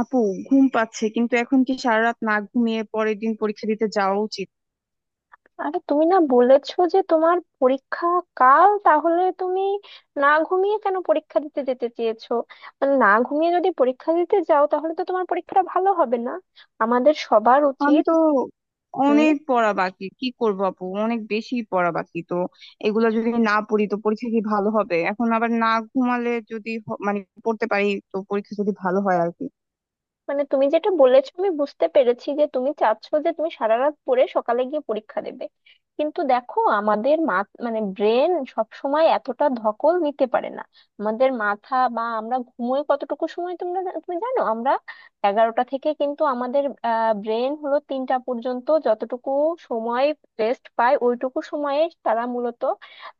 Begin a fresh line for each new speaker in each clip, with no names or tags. আপু, ঘুম পাচ্ছে। কিন্তু এখন কি সারা রাত না ঘুমিয়ে পরের দিন পরীক্ষা দিতে যাওয়া উচিত?
আরে, তুমি না বলেছো যে তোমার পরীক্ষা কাল? তাহলে তুমি না ঘুমিয়ে কেন পরীক্ষা দিতে যেতে চেয়েছো? মানে না ঘুমিয়ে যদি পরীক্ষা দিতে যাও, তাহলে তো তোমার পরীক্ষাটা ভালো হবে না। আমাদের সবার
আমি
উচিত
তো অনেক পড়া বাকি, কি করব আপু? অনেক বেশি পড়া বাকি তো। এগুলো যদি না পড়ি তো পরীক্ষা কি ভালো হবে? এখন আবার না ঘুমালে যদি হ- মানে পড়তে পারি তো পরীক্ষা যদি ভালো হয় আর কি।
মানে তুমি যেটা বলেছো আমি বুঝতে পেরেছি, যে তুমি চাচ্ছো যে তুমি সারা রাত পড়ে সকালে গিয়ে পরীক্ষা দেবে। কিন্তু দেখো, আমাদের মানে ব্রেন সব সময় এতটা ধকল নিতে পারে না। আমাদের মাথা বা আমরা ঘুমোই কতটুকু সময়, তোমরা তুমি জানো, আমরা 11টা থেকে কিন্তু আমাদের ব্রেন হলো 3টা পর্যন্ত যতটুকু সময় রেস্ট পায়, ওইটুকু সময়ে তারা মূলত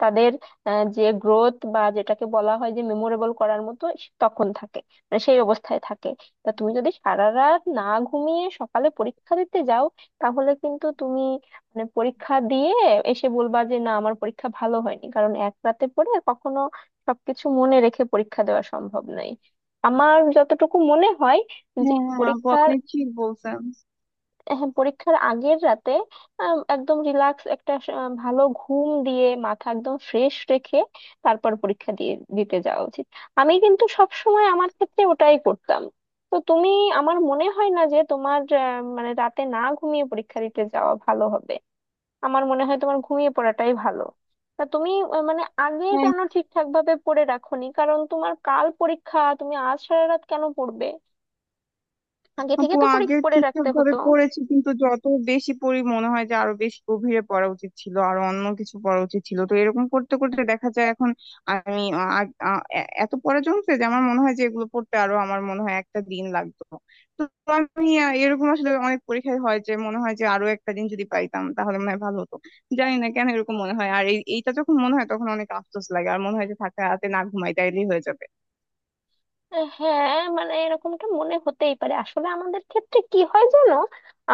তাদের যে গ্রোথ বা যেটাকে বলা হয় যে মেমোরেবল করার মতো তখন থাকে, মানে সেই অবস্থায় থাকে। তা তুমি যদি সারা রাত না ঘুমিয়ে সকালে পরীক্ষা দিতে যাও, তাহলে কিন্তু তুমি মানে পরীক্ষা দিয়ে এসে বলবা যে না, আমার পরীক্ষা ভালো হয়নি, কারণ এক রাতে পড়ে কখনো সবকিছু মনে রেখে পরীক্ষা দেওয়া সম্ভব নয়, আমার যতটুকু মনে হয়। যে
হ্যাঁ, হ্যাঁ আপু,
পরীক্ষার
আপনি ঠিক বলছেন।
হ্যাঁ, পরীক্ষার আগের রাতে একদম রিল্যাক্স একটা ভালো ঘুম দিয়ে মাথা একদম ফ্রেশ রেখে তারপর পরীক্ষা দিয়ে দিতে যাওয়া উচিত। আমি কিন্তু সব সময় আমার ক্ষেত্রে ওটাই করতাম। তো তুমি, আমার মনে হয় না যে তোমার মানে রাতে না ঘুমিয়ে পরীক্ষা দিতে যাওয়া ভালো হবে। আমার মনে হয় তোমার ঘুমিয়ে পড়াটাই ভালো। তা তুমি মানে আগে
হ্যাঁ
কেন ঠিকঠাক ভাবে পড়ে রাখোনি? কারণ তোমার কাল পরীক্ষা, তুমি আজ সারা রাত কেন পড়বে? আগে থেকে
আপু,
তো
আগে
পরীক্ষা পড়ে
ঠিকঠাক
রাখতে
ভাবে
হতো।
পড়েছি, কিন্তু যত বেশি পড়ি মনে হয় যে আরো বেশি গভীরে পড়া উচিত ছিল আর অন্য কিছু পড়া উচিত ছিল। তো এরকম করতে করতে দেখা যায় এখন আমি এত পড়া জমছে যে আমার মনে হয় যে এগুলো পড়তে আরো আমার মনে হয় একটা দিন লাগতো। তো আমি এরকম আসলে অনেক পরীক্ষায় হয় যে মনে হয় যে আরো একটা দিন যদি পাইতাম তাহলে মনে হয় ভালো হতো। জানি না কেন এরকম মনে হয়। আর এইটা যখন মনে হয় তখন অনেক আফসোস লাগে আর মনে হয় যে থাকা রাতে না ঘুমাই তাইলেই হয়ে যাবে।
হ্যাঁ, মানে এরকমটা মনে হতেই পারে, আসলে আমাদের ক্ষেত্রে কি হয় জানো,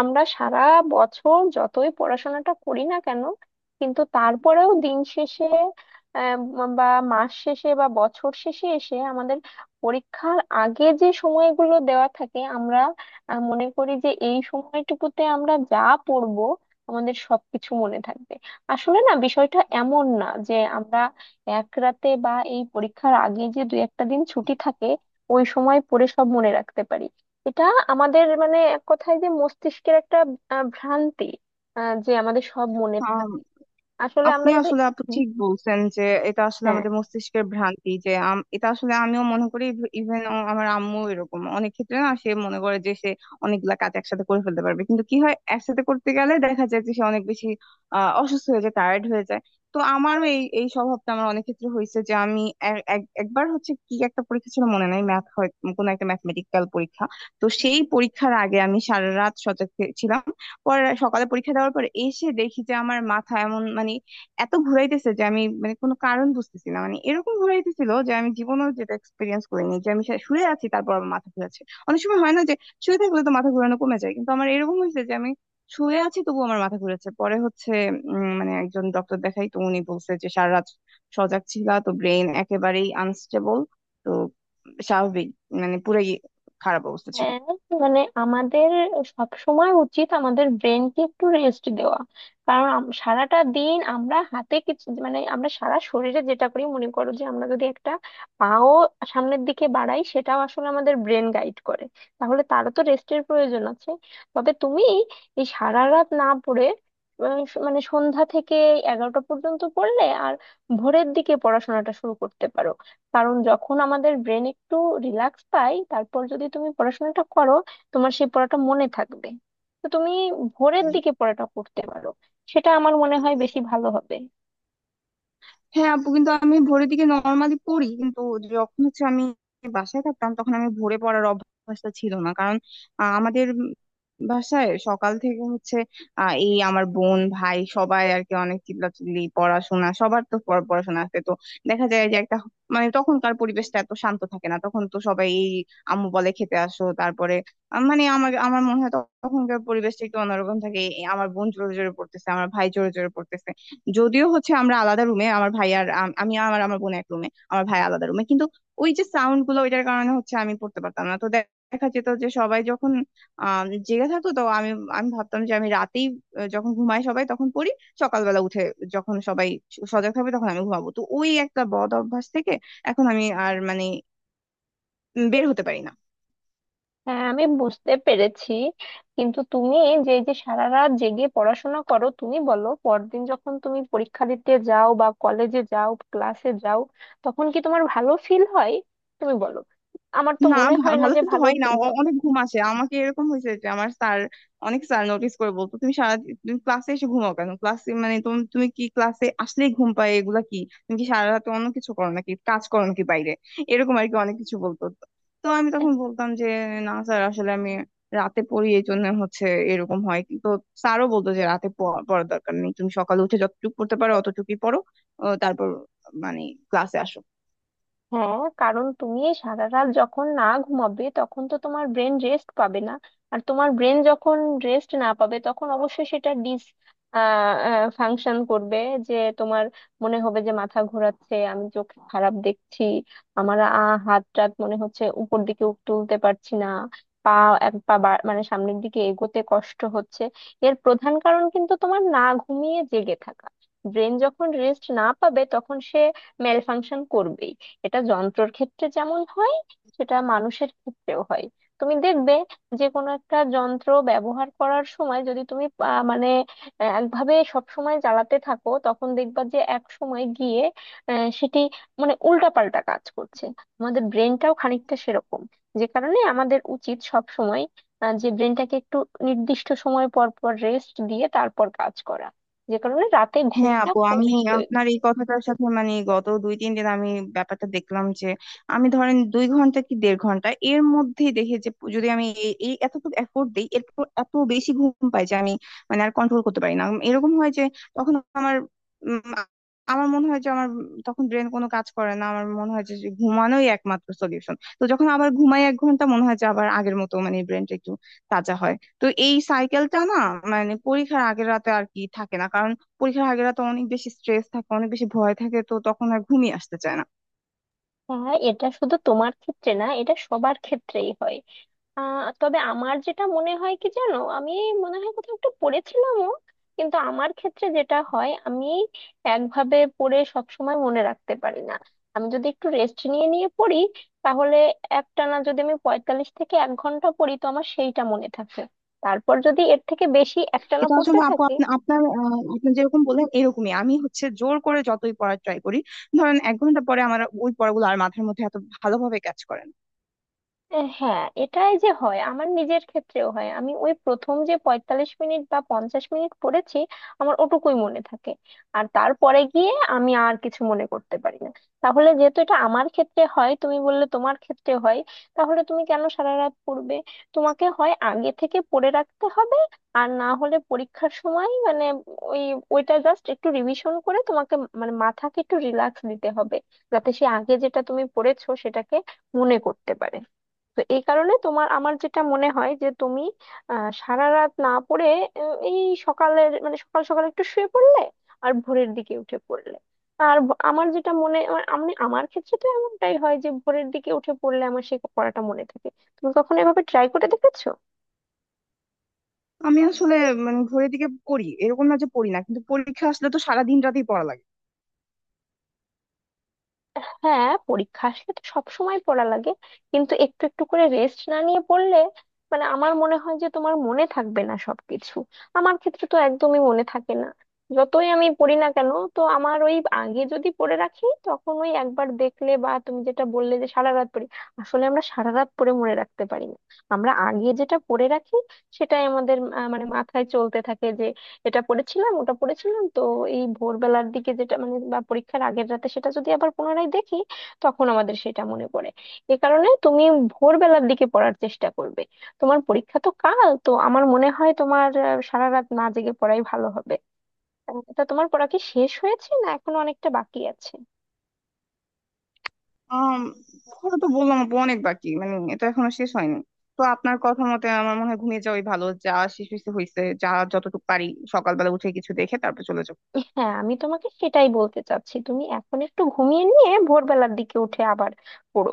আমরা সারা বছর যতই পড়াশোনাটা করি না কেন, কিন্তু তারপরেও দিন শেষে বা মাস শেষে বা বছর শেষে এসে আমাদের পরীক্ষার আগে যে সময়গুলো দেওয়া থাকে, আমরা মনে করি যে এই সময়টুকুতে আমরা যা পড়বো আমাদের সবকিছু মনে থাকবে। আসলে না, বিষয়টা এমন না যে আমরা এক রাতে বা এই পরীক্ষার আগে যে দু একটা দিন ছুটি থাকে ওই সময় পড়ে সব মনে রাখতে পারি। এটা আমাদের মানে এক কথায় যে মস্তিষ্কের একটা ভ্রান্তি, যে আমাদের সব মনে থাকে। আসলে আমরা
আপনি
যদি
আসলে আপু
হুম।
ঠিক বলছেন যে এটা আসলে
হ্যাঁ,
আমাদের মস্তিষ্কের ভ্রান্তি। যে এটা আসলে আমিও মনে করি। ইভেন আমার আম্মু এরকম অনেক ক্ষেত্রে না, সে মনে করে যে সে অনেকগুলা কাজ একসাথে করে ফেলতে পারবে, কিন্তু কি হয়, একসাথে করতে গেলে দেখা যায় যে সে অনেক বেশি অসুস্থ হয়ে যায়, টায়ার্ড হয়ে যায়। তো আমারও এই এই স্বভাবটা আমার অনেক ক্ষেত্রে হয়েছে। যে আমি একবার হচ্ছে কি, একটা পরীক্ষা ছিল মনে নাই, ম্যাথ হয় কোনো একটা ম্যাথমেটিক্যাল পরীক্ষা। তো সেই পরীক্ষার আগে আমি সারা রাত সজাগ ছিলাম। পরে সকালে পরীক্ষা দেওয়ার পর এসে দেখি যে আমার মাথা এমন, মানে এত ঘুরাইতেছে যে আমি মানে কোনো কারণ বুঝতেছি না। মানে এরকম ঘুরাইতেছিল যে আমি জীবনেও যেটা এক্সপিরিয়েন্স করিনি, যে আমি শুয়ে আছি তারপর আমার মাথা ঘুরাচ্ছে। অনেক সময় হয় না যে শুয়ে থাকলে তো মাথা ঘুরানো কমে যায়, কিন্তু আমার এরকম হয়েছে যে আমি শুয়ে আছি তবু আমার মাথা ঘুরেছে। পরে হচ্ছে মানে একজন ডক্টর দেখাই, তো উনি বলছে যে সারা রাত সজাগ ছিলা তো ব্রেন একেবারেই আনস্টেবল। তো স্বাভাবিক, মানে পুরাই খারাপ অবস্থা ছিল।
হ্যাঁ, মানে আমাদের সব সময় উচিত আমাদের ব্রেনকে একটু রেস্ট দেওয়া। কারণ সারাটা দিন আমরা হাতে কিছু মানে আমরা সারা শরীরে যেটা করি, মনে করো যে আমরা যদি একটা পাও সামনের দিকে বাড়াই সেটাও আসলে আমাদের ব্রেন গাইড করে, তাহলে তারও তো রেস্টের প্রয়োজন আছে। তবে তুমি এই সারা রাত না পড়ে মানে সন্ধ্যা থেকে 11টা পর্যন্ত পড়লে আর ভোরের দিকে পড়াশোনাটা শুরু করতে পারো। কারণ যখন আমাদের ব্রেন একটু রিল্যাক্স পায় তারপর যদি তুমি পড়াশোনাটা করো, তোমার সেই পড়াটা মনে থাকবে। তো তুমি ভোরের দিকে পড়াটা করতে পারো, সেটা আমার মনে হয় বেশি ভালো হবে।
হ্যাঁ আপু, কিন্তু আমি ভোরের দিকে নর্মালি পড়ি, কিন্তু যখন হচ্ছে আমি বাসায় থাকতাম তখন আমি ভোরে পড়ার অভ্যাসটা ছিল না। কারণ আমাদের বাসায় সকাল থেকে হচ্ছে এই আমার বোন ভাই সবাই আর কি অনেক চিল্লাচিল্লি, পড়াশোনা সবার তো পড়াশোনা আছে। তো দেখা যায় যে একটা, মানে তখনকার পরিবেশটা এত শান্ত থাকে না। তখন তো সবাই এই আম্মু বলে খেতে আসো, তারপরে মানে আমার আমার মনে হয় তখনকার পরিবেশটা একটু অন্যরকম থাকে। এই আমার বোন জোরে জোরে পড়তেছে, আমার ভাই জোরে জোরে পড়তেছে। যদিও হচ্ছে আমরা আলাদা রুমে, আমার ভাই আর আমি আমার আমার বোন এক রুমে, আমার ভাই আলাদা রুমে, কিন্তু ওই যে সাউন্ড গুলো ওইটার কারণে হচ্ছে আমি পড়তে পারতাম না। তো দেখা যেত যে সবাই যখন জেগে থাকতো তো আমি, আমি ভাবতাম যে আমি রাতেই যখন ঘুমাই সবাই তখন পড়ি, সকালবেলা উঠে যখন সবাই সজাগ থাকবে তখন আমি ঘুমাবো। তো ওই একটা বদ অভ্যাস থেকে এখন আমি আর মানে বের হতে পারি না।
হ্যাঁ, আমি বুঝতে পেরেছি। কিন্তু তুমি যে যে সারা রাত জেগে পড়াশোনা করো, তুমি বলো, পরদিন যখন তুমি পরীক্ষা দিতে যাও বা কলেজে যাও ক্লাসে যাও, তখন কি তোমার ভালো ফিল হয়? তুমি বলো। আমার তো
না,
মনে হয় না
ভালো
যে
কিন্তু
ভালো
হয় না,
ফিল হবে।
অনেক ঘুম আসে আমাকে। এরকম হয়েছে যে আমার স্যার, অনেক স্যার নোটিস করে বলতো তুমি সারা, তুমি ক্লাসে এসে ঘুমাও কেন ক্লাসে, মানে তুমি তুমি কি ক্লাসে আসলেই ঘুম পায়, এগুলা কি, তুমি কি সারা রাত অন্য কিছু করো নাকি, কাজ করো নাকি বাইরে, এরকম আর কি অনেক কিছু বলতো। তো তো আমি তখন বলতাম যে না স্যার, আসলে আমি রাতে পড়ি এই জন্য হচ্ছে এরকম হয়। তো স্যারও বলতো যে রাতে পড়ার দরকার নেই, তুমি সকালে উঠে যতটুকু পড়তে পারো অতটুকুই পড়ো। তারপর মানে ক্লাসে আসো।
হ্যাঁ, কারণ তুমি এই সারা রাত যখন না ঘুমাবে তখন তো তোমার ব্রেন রেস্ট পাবে না। আর তোমার ব্রেন যখন রেস্ট না পাবে, তখন অবশ্যই সেটা ডিস ফাংশন করবে। যে তোমার মনে হবে যে মাথা ঘোরাচ্ছে, আমি চোখ খারাপ দেখছি, আমার হাত টাত মনে হচ্ছে উপর দিকে তুলতে পারছি না, পা এক পা মানে সামনের দিকে এগোতে কষ্ট হচ্ছে। এর প্রধান কারণ কিন্তু তোমার না ঘুমিয়ে জেগে থাকা। ব্রেন যখন রেস্ট না পাবে তখন সে মেল ফাংশন করবেই। এটা যন্ত্রর ক্ষেত্রে যেমন হয় সেটা মানুষের ক্ষেত্রেও হয়। তুমি দেখবে যে কোনো একটা যন্ত্র ব্যবহার করার সময় যদি তুমি মানে একভাবে সব সময় চালাতে থাকো, তখন দেখবা যে এক সময় গিয়ে সেটি মানে উল্টাপাল্টা কাজ করছে। আমাদের ব্রেনটাও খানিকটা সেরকম। যে কারণে আমাদের উচিত সব সময় যে ব্রেনটাকে একটু নির্দিষ্ট সময় পর পর রেস্ট দিয়ে তারপর কাজ করা। যে কারণে রাতে
হ্যাঁ
ঘুমটা
আপু, আমি
খুবই প্রয়োজন।
আপনার এই কথাটার সাথে, মানে গত 2-3 দিন আমি ব্যাপারটা দেখলাম যে আমি ধরেন 2 ঘন্টা কি 1.5 ঘন্টা এর মধ্যেই দেখি যে যদি আমি এই এই এতটুকু এফোর্ট দিই এরপর এত বেশি ঘুম পাই যে আমি মানে আর কন্ট্রোল করতে পারি না। এরকম হয় যে তখন আমার উম, আমার মনে হয় যে আমার তখন ব্রেন কোনো কাজ করে না। আমার মনে হয় যে যে ঘুমানোই একমাত্র সলিউশন। তো যখন আবার ঘুমাই 1 ঘন্টা, মনে হয় যে আবার আগের মতো মানে ব্রেনটা একটু তাজা হয়। তো এই সাইকেলটা না, মানে পরীক্ষার আগের রাতে আর কি থাকে না, পরীক্ষার আগের রাতে অনেক বেশি স্ট্রেস থাকে, অনেক বেশি ভয় থাকে, তো তখন আর ঘুমিয়ে আসতে চায় না।
হ্যাঁ, এটা শুধু তোমার ক্ষেত্রে না, এটা সবার ক্ষেত্রেই হয়। তবে আমার যেটা মনে হয় কি জানো, আমি মনে হয় কোথাও একটু পড়েছিলামও। কিন্তু আমার ক্ষেত্রে যেটা হয়, আমি একভাবে পড়ে সবসময় মনে রাখতে পারি না। আমি যদি একটু রেস্ট নিয়ে নিয়ে পড়ি, তাহলে একটানা যদি আমি 45 থেকে এক ঘন্টা পড়ি তো আমার সেইটা মনে থাকে। তারপর যদি এর থেকে বেশি একটানা
এটা
পড়তে
আসলে আপু,
থাকি।
আপনি আপনার আপনি যেরকম বললেন এরকমই আমি হচ্ছে, জোর করে যতই পড়ার ট্রাই করি, ধরেন 1 ঘন্টা পরে আমার ওই পড়াগুলো আর মাথার মধ্যে এত ভালোভাবে কাজ করে না।
হ্যাঁ, এটাই যে হয়, আমার নিজের ক্ষেত্রেও হয়, আমি ওই প্রথম যে 45 মিনিট বা 50 মিনিট পড়েছি আমার ওটুকুই মনে থাকে। আর তারপরে গিয়ে আমি আর কিছু মনে করতে পারি না। তাহলে যেহেতু এটা আমার ক্ষেত্রে হয়, তুমি বললে তোমার ক্ষেত্রে হয়, তাহলে তুমি কেন সারা রাত পড়বে? তোমাকে হয় আগে থেকে পড়ে রাখতে হবে, আর না হলে পরীক্ষার সময় মানে ওই ওইটা জাস্ট একটু রিভিশন করে তোমাকে মানে মাথাকে একটু রিল্যাক্স দিতে হবে, যাতে সে আগে যেটা তুমি পড়েছো সেটাকে মনে করতে পারে। তো এই কারণে তোমার আমার যেটা মনে হয় যে তুমি সারা রাত না পড়ে এই সকালের মানে সকাল সকাল একটু শুয়ে পড়লে আর ভোরের দিকে উঠে পড়লে আর আমার যেটা মনে আমার ক্ষেত্রে তো এমনটাই হয় যে ভোরের দিকে উঠে পড়লে আমার সেই পড়াটা মনে থাকে। তুমি কখনো এভাবে ট্রাই করে দেখেছো?
আমি আসলে মানে ঘড়ির দিকে পড়ি এরকম না, যে পড়ি না, কিন্তু পরীক্ষা আসলে তো সারা দিন রাতেই পড়া লাগে।
হ্যাঁ, পরীক্ষা আসলে তো সবসময় পড়া লাগে। কিন্তু একটু একটু করে রেস্ট না নিয়ে পড়লে মানে আমার মনে হয় যে তোমার মনে থাকবে না সবকিছু। আমার ক্ষেত্রে তো একদমই মনে থাকে না, যতই আমি পড়ি না কেন। তো আমার ওই আগে যদি পড়ে রাখি তখন ওই একবার দেখলে, বা তুমি যেটা বললে যে সারা রাত পড়ি, আসলে আমরা সারা রাত পড়ে মনে রাখতে পারি না। আমরা আগে যেটা পড়ে রাখি সেটাই আমাদের মানে মাথায় চলতে থাকে যে এটা পড়েছিলাম ওটা পড়েছিলাম, তো এই ভোরবেলার দিকে যেটা মানে বা পরীক্ষার আগের রাতে সেটা যদি আবার পুনরায় দেখি, তখন আমাদের সেটা মনে পড়ে। এ কারণে তুমি ভোরবেলার দিকে পড়ার চেষ্টা করবে। তোমার পরীক্ষা তো কাল, তো আমার মনে হয় তোমার সারা রাত না জেগে পড়াই ভালো হবে। তা তোমার পড়া কি শেষ হয়েছে না এখনো অনেকটা বাকি আছে?
আহ পড়া তো বললাম আপু অনেক বাকি, মানে এটা এখনো শেষ হয়নি। তো আপনার কথা মতে আমার মনে হয় ঘুমিয়ে যাওয়াই ভালো, যা শেষ হয়েছে হয়েছে, যা যতটুকু পারি সকালবেলা উঠে কিছু দেখে তারপর চলে যাবো।
হ্যাঁ, আমি তোমাকে সেটাই বলতে চাচ্ছি, তুমি এখন একটু ঘুমিয়ে নিয়ে ভোরবেলার দিকে উঠে আবার পড়ো।